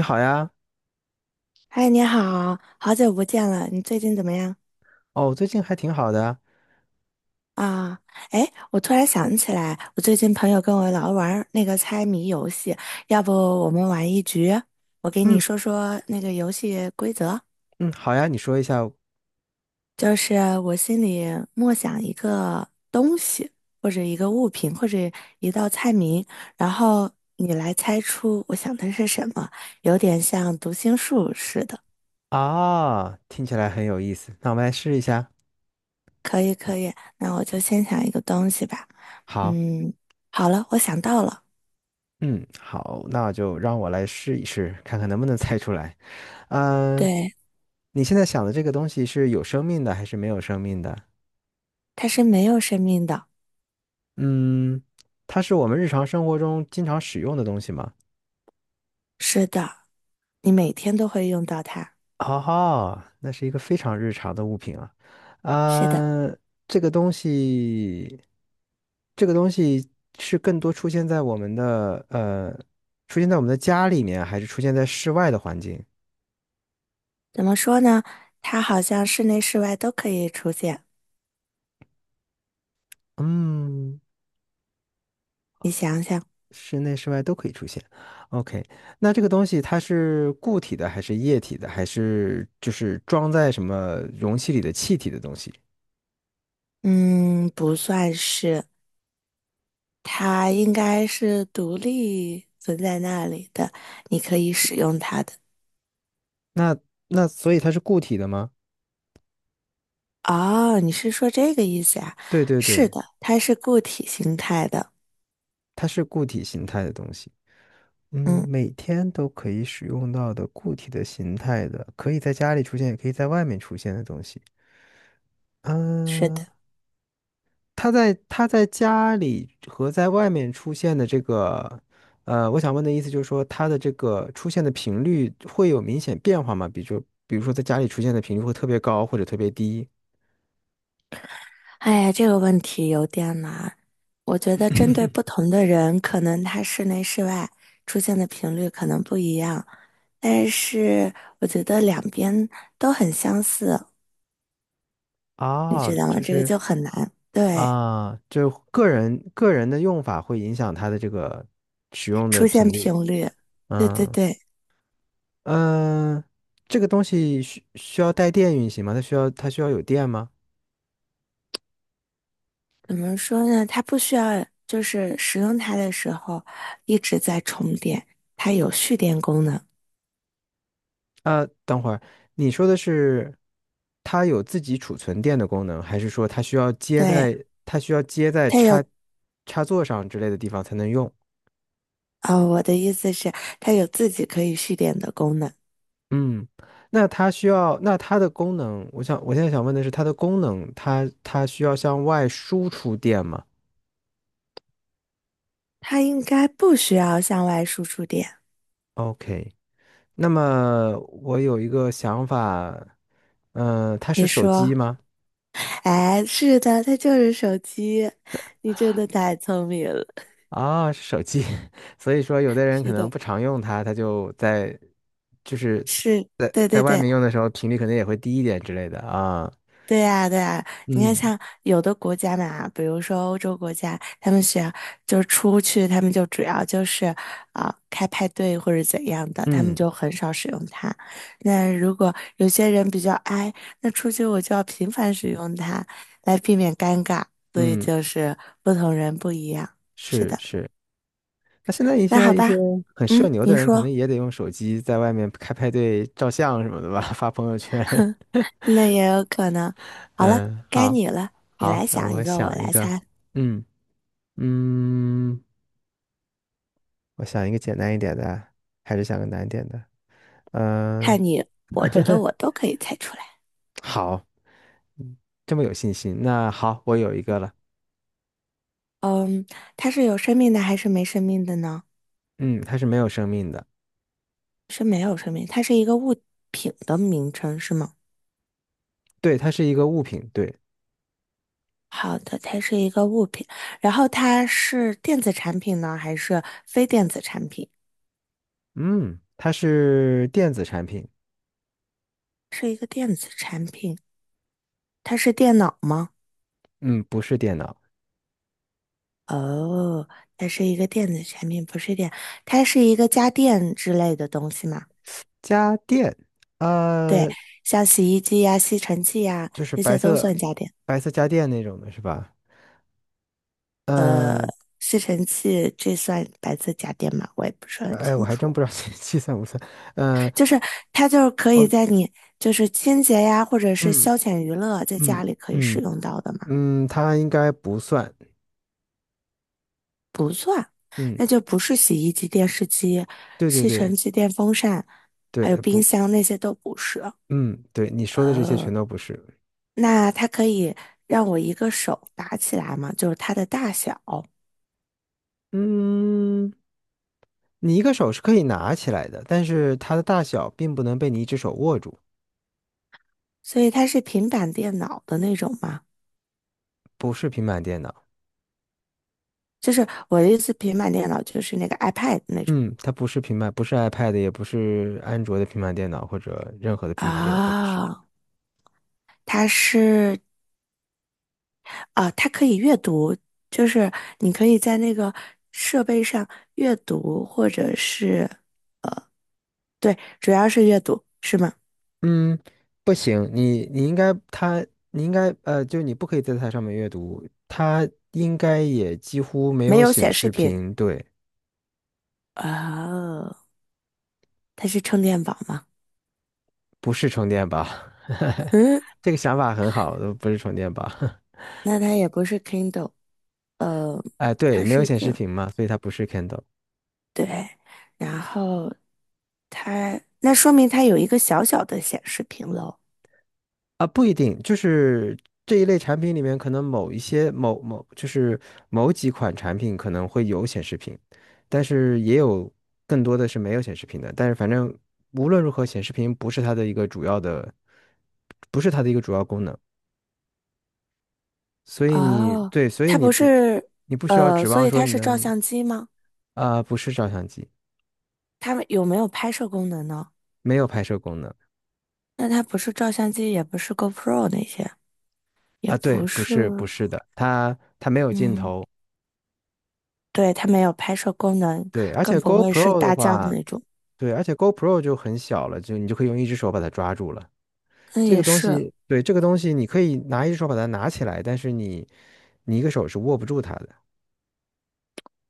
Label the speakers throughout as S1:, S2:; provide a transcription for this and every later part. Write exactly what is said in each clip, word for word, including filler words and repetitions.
S1: 你好呀。
S2: 嗨，你好，好久不见了，你最近怎么样
S1: 哦，最近还挺好的啊。
S2: 啊？哎，我突然想起来，我最近朋友跟我老玩儿那个猜谜游戏，要不我们玩一局？我给你
S1: 嗯
S2: 说说那个游戏规则，
S1: 嗯，好呀，你说一下。
S2: 就是我心里默想一个东西，或者一个物品，或者一道菜名，然后你来猜出我想的是什么，有点像读心术似的。
S1: 啊，听起来很有意思，那我们来试一下。
S2: 可以可以，那我就先想一个东西吧。
S1: 好。
S2: 嗯，好了，我想到了，
S1: 嗯，好，那就让我来试一试，看看能不能猜出来。嗯，
S2: 对，
S1: 你现在想的这个东西是有生命的还是没有生命的？
S2: 它是没有生命的。
S1: 嗯，它是我们日常生活中经常使用的东西吗？
S2: 是的，你每天都会用到它。
S1: 哦，那是一个非常日常的物品啊。
S2: 是的，
S1: 啊，这个东西这个东西是更多出现在我们的呃，出现在我们的家里面，还是出现在室外的环境？
S2: 怎么说呢？它好像室内室外都可以出现。
S1: 嗯，
S2: 你想想，
S1: 室内室外都可以出现。OK,那这个东西它是固体的，还是液体的，还是就是装在什么容器里的气体的东西？
S2: 嗯，不算是，它应该是独立存在那里的，你可以使用它的。
S1: 那那所以它是固体的吗？
S2: 哦，你是说这个意思啊？
S1: 对对
S2: 是
S1: 对，
S2: 的，它是固体形态的。
S1: 它是固体形态的东西。嗯，
S2: 嗯，
S1: 每天都可以使用到的固体的形态的，可以在家里出现，也可以在外面出现的东西。
S2: 是的。
S1: 嗯，他在他在家里和在外面出现的这个，呃，我想问的意思就是说，他的这个出现的频率会有明显变化吗？比如说比如说在家里出现的频率会特别高或者特别低。
S2: 哎呀，这个问题有点难。我觉得针对不同的人，可能他室内室外出现的频率可能不一样，但是我觉得两边都很相似，你
S1: 啊？
S2: 知道吗？
S1: 这
S2: 这个就很难。对，
S1: 啊，就个人个人的用法会影响他的这个使用的
S2: 出现
S1: 频
S2: 频
S1: 率。
S2: 率，对对
S1: 嗯
S2: 对，
S1: 嗯，这个东西需需要带电运行吗？它需要它需要有电吗？
S2: 怎么说呢？它不需要就是使用它的时候一直在充电，它有蓄电功能。
S1: 呃，等会儿，你说的是它有自己储存电的功能，还是说它需要接
S2: 对，
S1: 在它需要接在
S2: 它
S1: 插
S2: 有，
S1: 插座上之类的地方才能用？
S2: 呃，我的意思是它有自己可以蓄电的功能。
S1: 嗯，那它需要，那它的功能，我想我现在想问的是它的功能，它它需要向外输出电吗
S2: 它应该不需要向外输出电。
S1: ？OK,那么我有一个想法。嗯、它是
S2: 你
S1: 手机
S2: 说，
S1: 吗？
S2: 哎，是的，它就是手机。你真的太聪明了。
S1: 啊，是手机。所以说有的人
S2: 是
S1: 可能
S2: 的，
S1: 不常用它，它就在就是
S2: 是，
S1: 在
S2: 对
S1: 在
S2: 对
S1: 外
S2: 对。
S1: 面用的时候频率可能也会低一点之类的啊。
S2: 对呀，对呀，你看，
S1: 嗯，
S2: 像有的国家嘛，比如说欧洲国家，他们学就是出去，他们就主要就是啊、呃开派对或者怎样的，他们
S1: 嗯
S2: 就很少使用它。那如果有些人比较 i，那出去我就要频繁使用它，来避免尴尬。所以
S1: 嗯，
S2: 就是不同人不一样。是
S1: 是
S2: 的，
S1: 是。那现在一
S2: 那好
S1: 些一些
S2: 吧，
S1: 很社
S2: 嗯，
S1: 牛的
S2: 您
S1: 人，可能
S2: 说，
S1: 也得用手机在外面开派对、照相什么的吧，发朋友圈。
S2: 那也有可能。好了，
S1: 嗯，
S2: 该
S1: 好。
S2: 你了，你
S1: 好，
S2: 来
S1: 那
S2: 想一
S1: 我
S2: 个，我
S1: 想一
S2: 来
S1: 个。
S2: 猜，
S1: 嗯嗯，我想一个简单一点的，还是想个难一点的？嗯，
S2: 看你，我觉得我都可以猜出来。
S1: 好，这么有信心。那好，我有一个了。
S2: 嗯，它是有生命的还是没生命的呢？
S1: 嗯，它是没有生命的。
S2: 是没有生命，它是一个物品的名称是吗？
S1: 对，它是一个物品。对。
S2: 好的，它是一个物品，然后它是电子产品呢，还是非电子产品？
S1: 嗯，它是电子产品。
S2: 是一个电子产品，它是电脑吗？
S1: 嗯，不是电脑。
S2: 哦，它是一个电子产品，不是电，它是一个家电之类的东西嘛？
S1: 家电。
S2: 对，
S1: 呃，
S2: 像洗衣机呀、吸尘器呀，
S1: 就是
S2: 这
S1: 白
S2: 些都
S1: 色，
S2: 算家电。
S1: 白色家电那种的是吧？
S2: 呃，
S1: 嗯
S2: 吸尘器这算白色家电吗？我也不是很
S1: 呃，哎，我
S2: 清
S1: 还真
S2: 楚。
S1: 不知道计计算不算。呃，
S2: 就是它就是可以
S1: 我
S2: 在你就是清洁呀，或者是
S1: 嗯
S2: 消遣娱乐，在
S1: 嗯
S2: 家里可以使
S1: 嗯
S2: 用到的嘛？
S1: 嗯，它应该不算。
S2: 不算，
S1: 嗯，
S2: 那就不是洗衣机、电视机、
S1: 对对
S2: 吸
S1: 对
S2: 尘机、电风扇，
S1: 对，
S2: 还有冰
S1: 不。
S2: 箱那些都不是。
S1: 嗯，对，你说的这些
S2: 哦，
S1: 全都不是。
S2: 那它可以让我一个手拿起来吗？就是它的大小，
S1: 嗯。你一个手是可以拿起来的，但是它的大小并不能被你一只手握住。
S2: 所以它是平板电脑的那种吗？
S1: 不是平板电脑。
S2: 就是我的意思，平板电脑就是那个 iPad 那种
S1: 嗯，它不是平板，不是 iPad,也不是安卓的平板电脑，或者任何的平板电脑都不是。
S2: 啊，它是啊，它可以阅读，就是你可以在那个设备上阅读，或者是，对，主要是阅读，是吗？
S1: 嗯，不行，你你应该它，你应该呃，就你不可以在它上面阅读，它应该也几乎没
S2: 没
S1: 有
S2: 有
S1: 显
S2: 显示
S1: 示
S2: 屏。
S1: 屏。对，
S2: 哦，它是充电宝吗？
S1: 不是充电宝。
S2: 嗯，
S1: 这个想法很好，不是充电宝。
S2: 那它也不是 Kindle，呃，
S1: 哎，对，
S2: 它
S1: 没
S2: 是
S1: 有
S2: 一
S1: 显示
S2: 个，
S1: 屏嘛，所以它不是 Kindle。
S2: 对，然后它，那说明它有一个小小的显示屏喽。
S1: 啊，不一定，就是这一类产品里面，可能某一些某某就是某几款产品可能会有显示屏，但是也有更多的是没有显示屏的。但是反正无论如何，显示屏不是它的一个主要的，不是它的一个主要功能。所以你
S2: 哦，
S1: 对，所以
S2: 它
S1: 你
S2: 不
S1: 不
S2: 是，
S1: 你不需要
S2: 呃，
S1: 指
S2: 所
S1: 望
S2: 以
S1: 说
S2: 它
S1: 你
S2: 是照
S1: 能。
S2: 相机吗？
S1: 啊、不是照相机。
S2: 它有没有拍摄功能呢？
S1: 没有拍摄功能。
S2: 那它不是照相机，也不是 GoPro 那些，也
S1: 啊，对，
S2: 不
S1: 不
S2: 是，
S1: 是不是的，它它没有镜
S2: 嗯，
S1: 头。
S2: 对，它没有拍摄功能，
S1: 对，而
S2: 更
S1: 且
S2: 不会是
S1: GoPro 的
S2: 大疆
S1: 话。
S2: 那种。
S1: 对，而且 GoPro 就很小了，就你就可以用一只手把它抓住了。
S2: 嗯，
S1: 这
S2: 也
S1: 个东
S2: 是。
S1: 西，对，这个东西你可以拿一只手把它拿起来，但是你你一个手是握不住它的。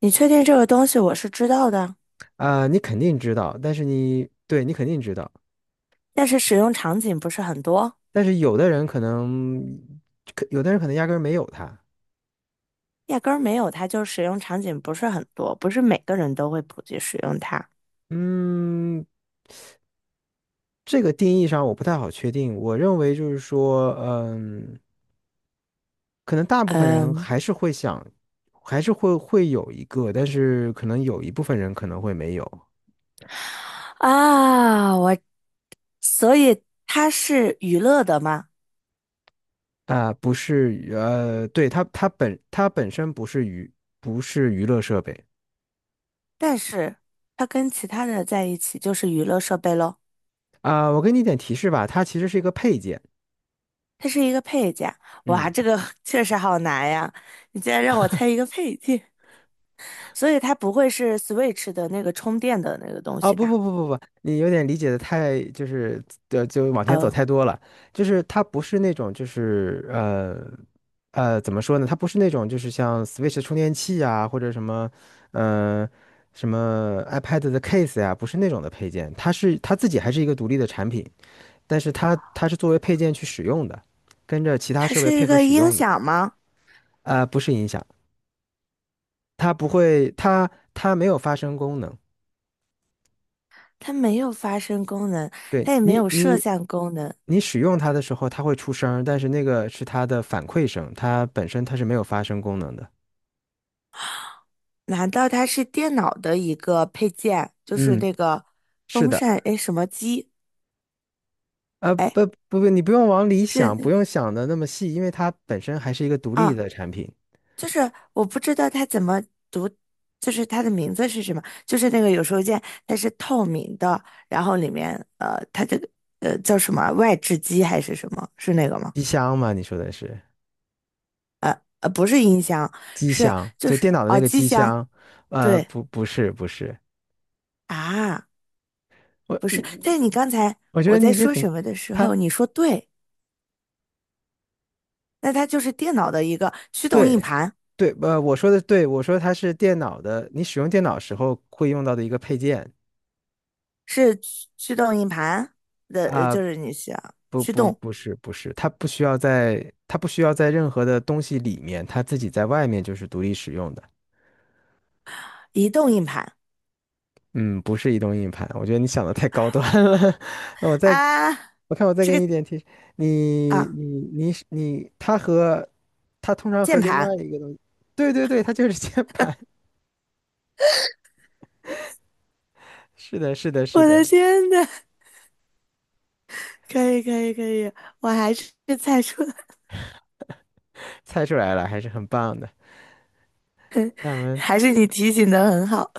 S2: 你确定这个东西我是知道的，
S1: 啊、你肯定知道，但是你对你肯定知道，
S2: 但是使用场景不是很多，
S1: 但是有的人可能，可有的人可能压根儿没有它。
S2: 压根儿没有它，就是使用场景不是很多，不是每个人都会普及使用它。
S1: 嗯，这个定义上我不太好确定。我认为就是说，嗯，可能大部分人
S2: 嗯
S1: 还是会想，还是会会有一个，但是可能有一部分人可能会没有。
S2: 啊，我所以它是娱乐的嘛，
S1: 啊、不是娱呃，对，它它本它本身不是娱，不是娱乐设备。
S2: 但是它跟其他的在一起就是娱乐设备喽。
S1: 啊、我给你一点提示吧，它其实是一个配件。
S2: 它是一个配件。哇，
S1: 嗯。
S2: 这个 确实好难呀！你竟然让我猜一个配件，所以它不会是 Switch 的那个充电的那个东
S1: 啊、
S2: 西
S1: 不
S2: 吧？
S1: 不不不不，你有点理解的太就是呃就往前走
S2: 哦，
S1: 太多了。就是它不是那种就是呃呃怎么说呢？它不是那种就是像 Switch 充电器啊，或者什么呃什么 iPad 的 case 呀、不是那种的配件，它是它自己还是一个独立的产品。但是它它是作为配件去使用的，跟着其他
S2: 它
S1: 设
S2: 是
S1: 备
S2: 一
S1: 配合
S2: 个
S1: 使
S2: 音
S1: 用的。
S2: 响吗？
S1: 啊、不是音响。它不会，它它没有发声功能。
S2: 它没有发声功能，
S1: 对
S2: 它也没
S1: 你
S2: 有摄
S1: 你
S2: 像功能。
S1: 你使用它的时候，它会出声儿但是那个是它的反馈声，它本身它是没有发声功能的。
S2: 难道它是电脑的一个配件？就是
S1: 嗯，
S2: 那个
S1: 是
S2: 风
S1: 的。
S2: 扇，哎，什么机？
S1: 呃，
S2: 哎，
S1: 不不不，你不用往里
S2: 是
S1: 想，
S2: 那
S1: 不
S2: 个。
S1: 用想的那么细，因为它本身还是一个独立
S2: 啊。
S1: 的产品。
S2: 就是我不知道它怎么读，就是它的名字是什么？就是那个有收件，它是透明的，然后里面呃，它这个呃叫什么啊外置机还是什么？是那个吗？
S1: 机箱嘛，你说的是
S2: 呃，不是音箱，
S1: 机
S2: 是
S1: 箱，
S2: 就
S1: 就电
S2: 是
S1: 脑的那
S2: 哦
S1: 个
S2: 机
S1: 机
S2: 箱，
S1: 箱。呃，
S2: 对
S1: 不不是不是。
S2: 啊，不是。
S1: 我
S2: 但是你刚才
S1: 我觉
S2: 我
S1: 得你
S2: 在
S1: 已经
S2: 说
S1: 很，
S2: 什么的时
S1: 他
S2: 候，你说对，那它就是电脑的一个驱动硬
S1: 对
S2: 盘，
S1: 对，呃，我说的对，我说它是电脑的，你使用电脑时候会用到的一个配件。
S2: 是驱驱动硬盘的，呃
S1: 啊，
S2: 就是你想
S1: 不
S2: 驱
S1: 不
S2: 动
S1: 不是不是，它不需要在它不需要在任何的东西里面，它自己在外面就是独立使用的。
S2: 移动硬盘
S1: 嗯，不是移动硬盘，我觉得你想的太高端了。我再
S2: 啊，
S1: 我看我再
S2: 这
S1: 给
S2: 个。
S1: 你一点提示。你
S2: 啊。
S1: 你你是你，它和它通常和
S2: 键
S1: 另
S2: 盘，
S1: 外一个东西。对对对，它就是 键盘。是的是的是
S2: 我的
S1: 的。
S2: 天呐，可以可以可以，我还是猜出了，
S1: 猜出来了，还是很棒的。那我 们
S2: 还是你提醒的很好，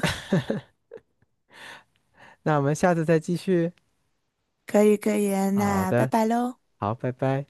S1: 那我们下次再继续。
S2: 可以可以啊，
S1: 好
S2: 那拜
S1: 的，
S2: 拜喽。
S1: 好，拜拜。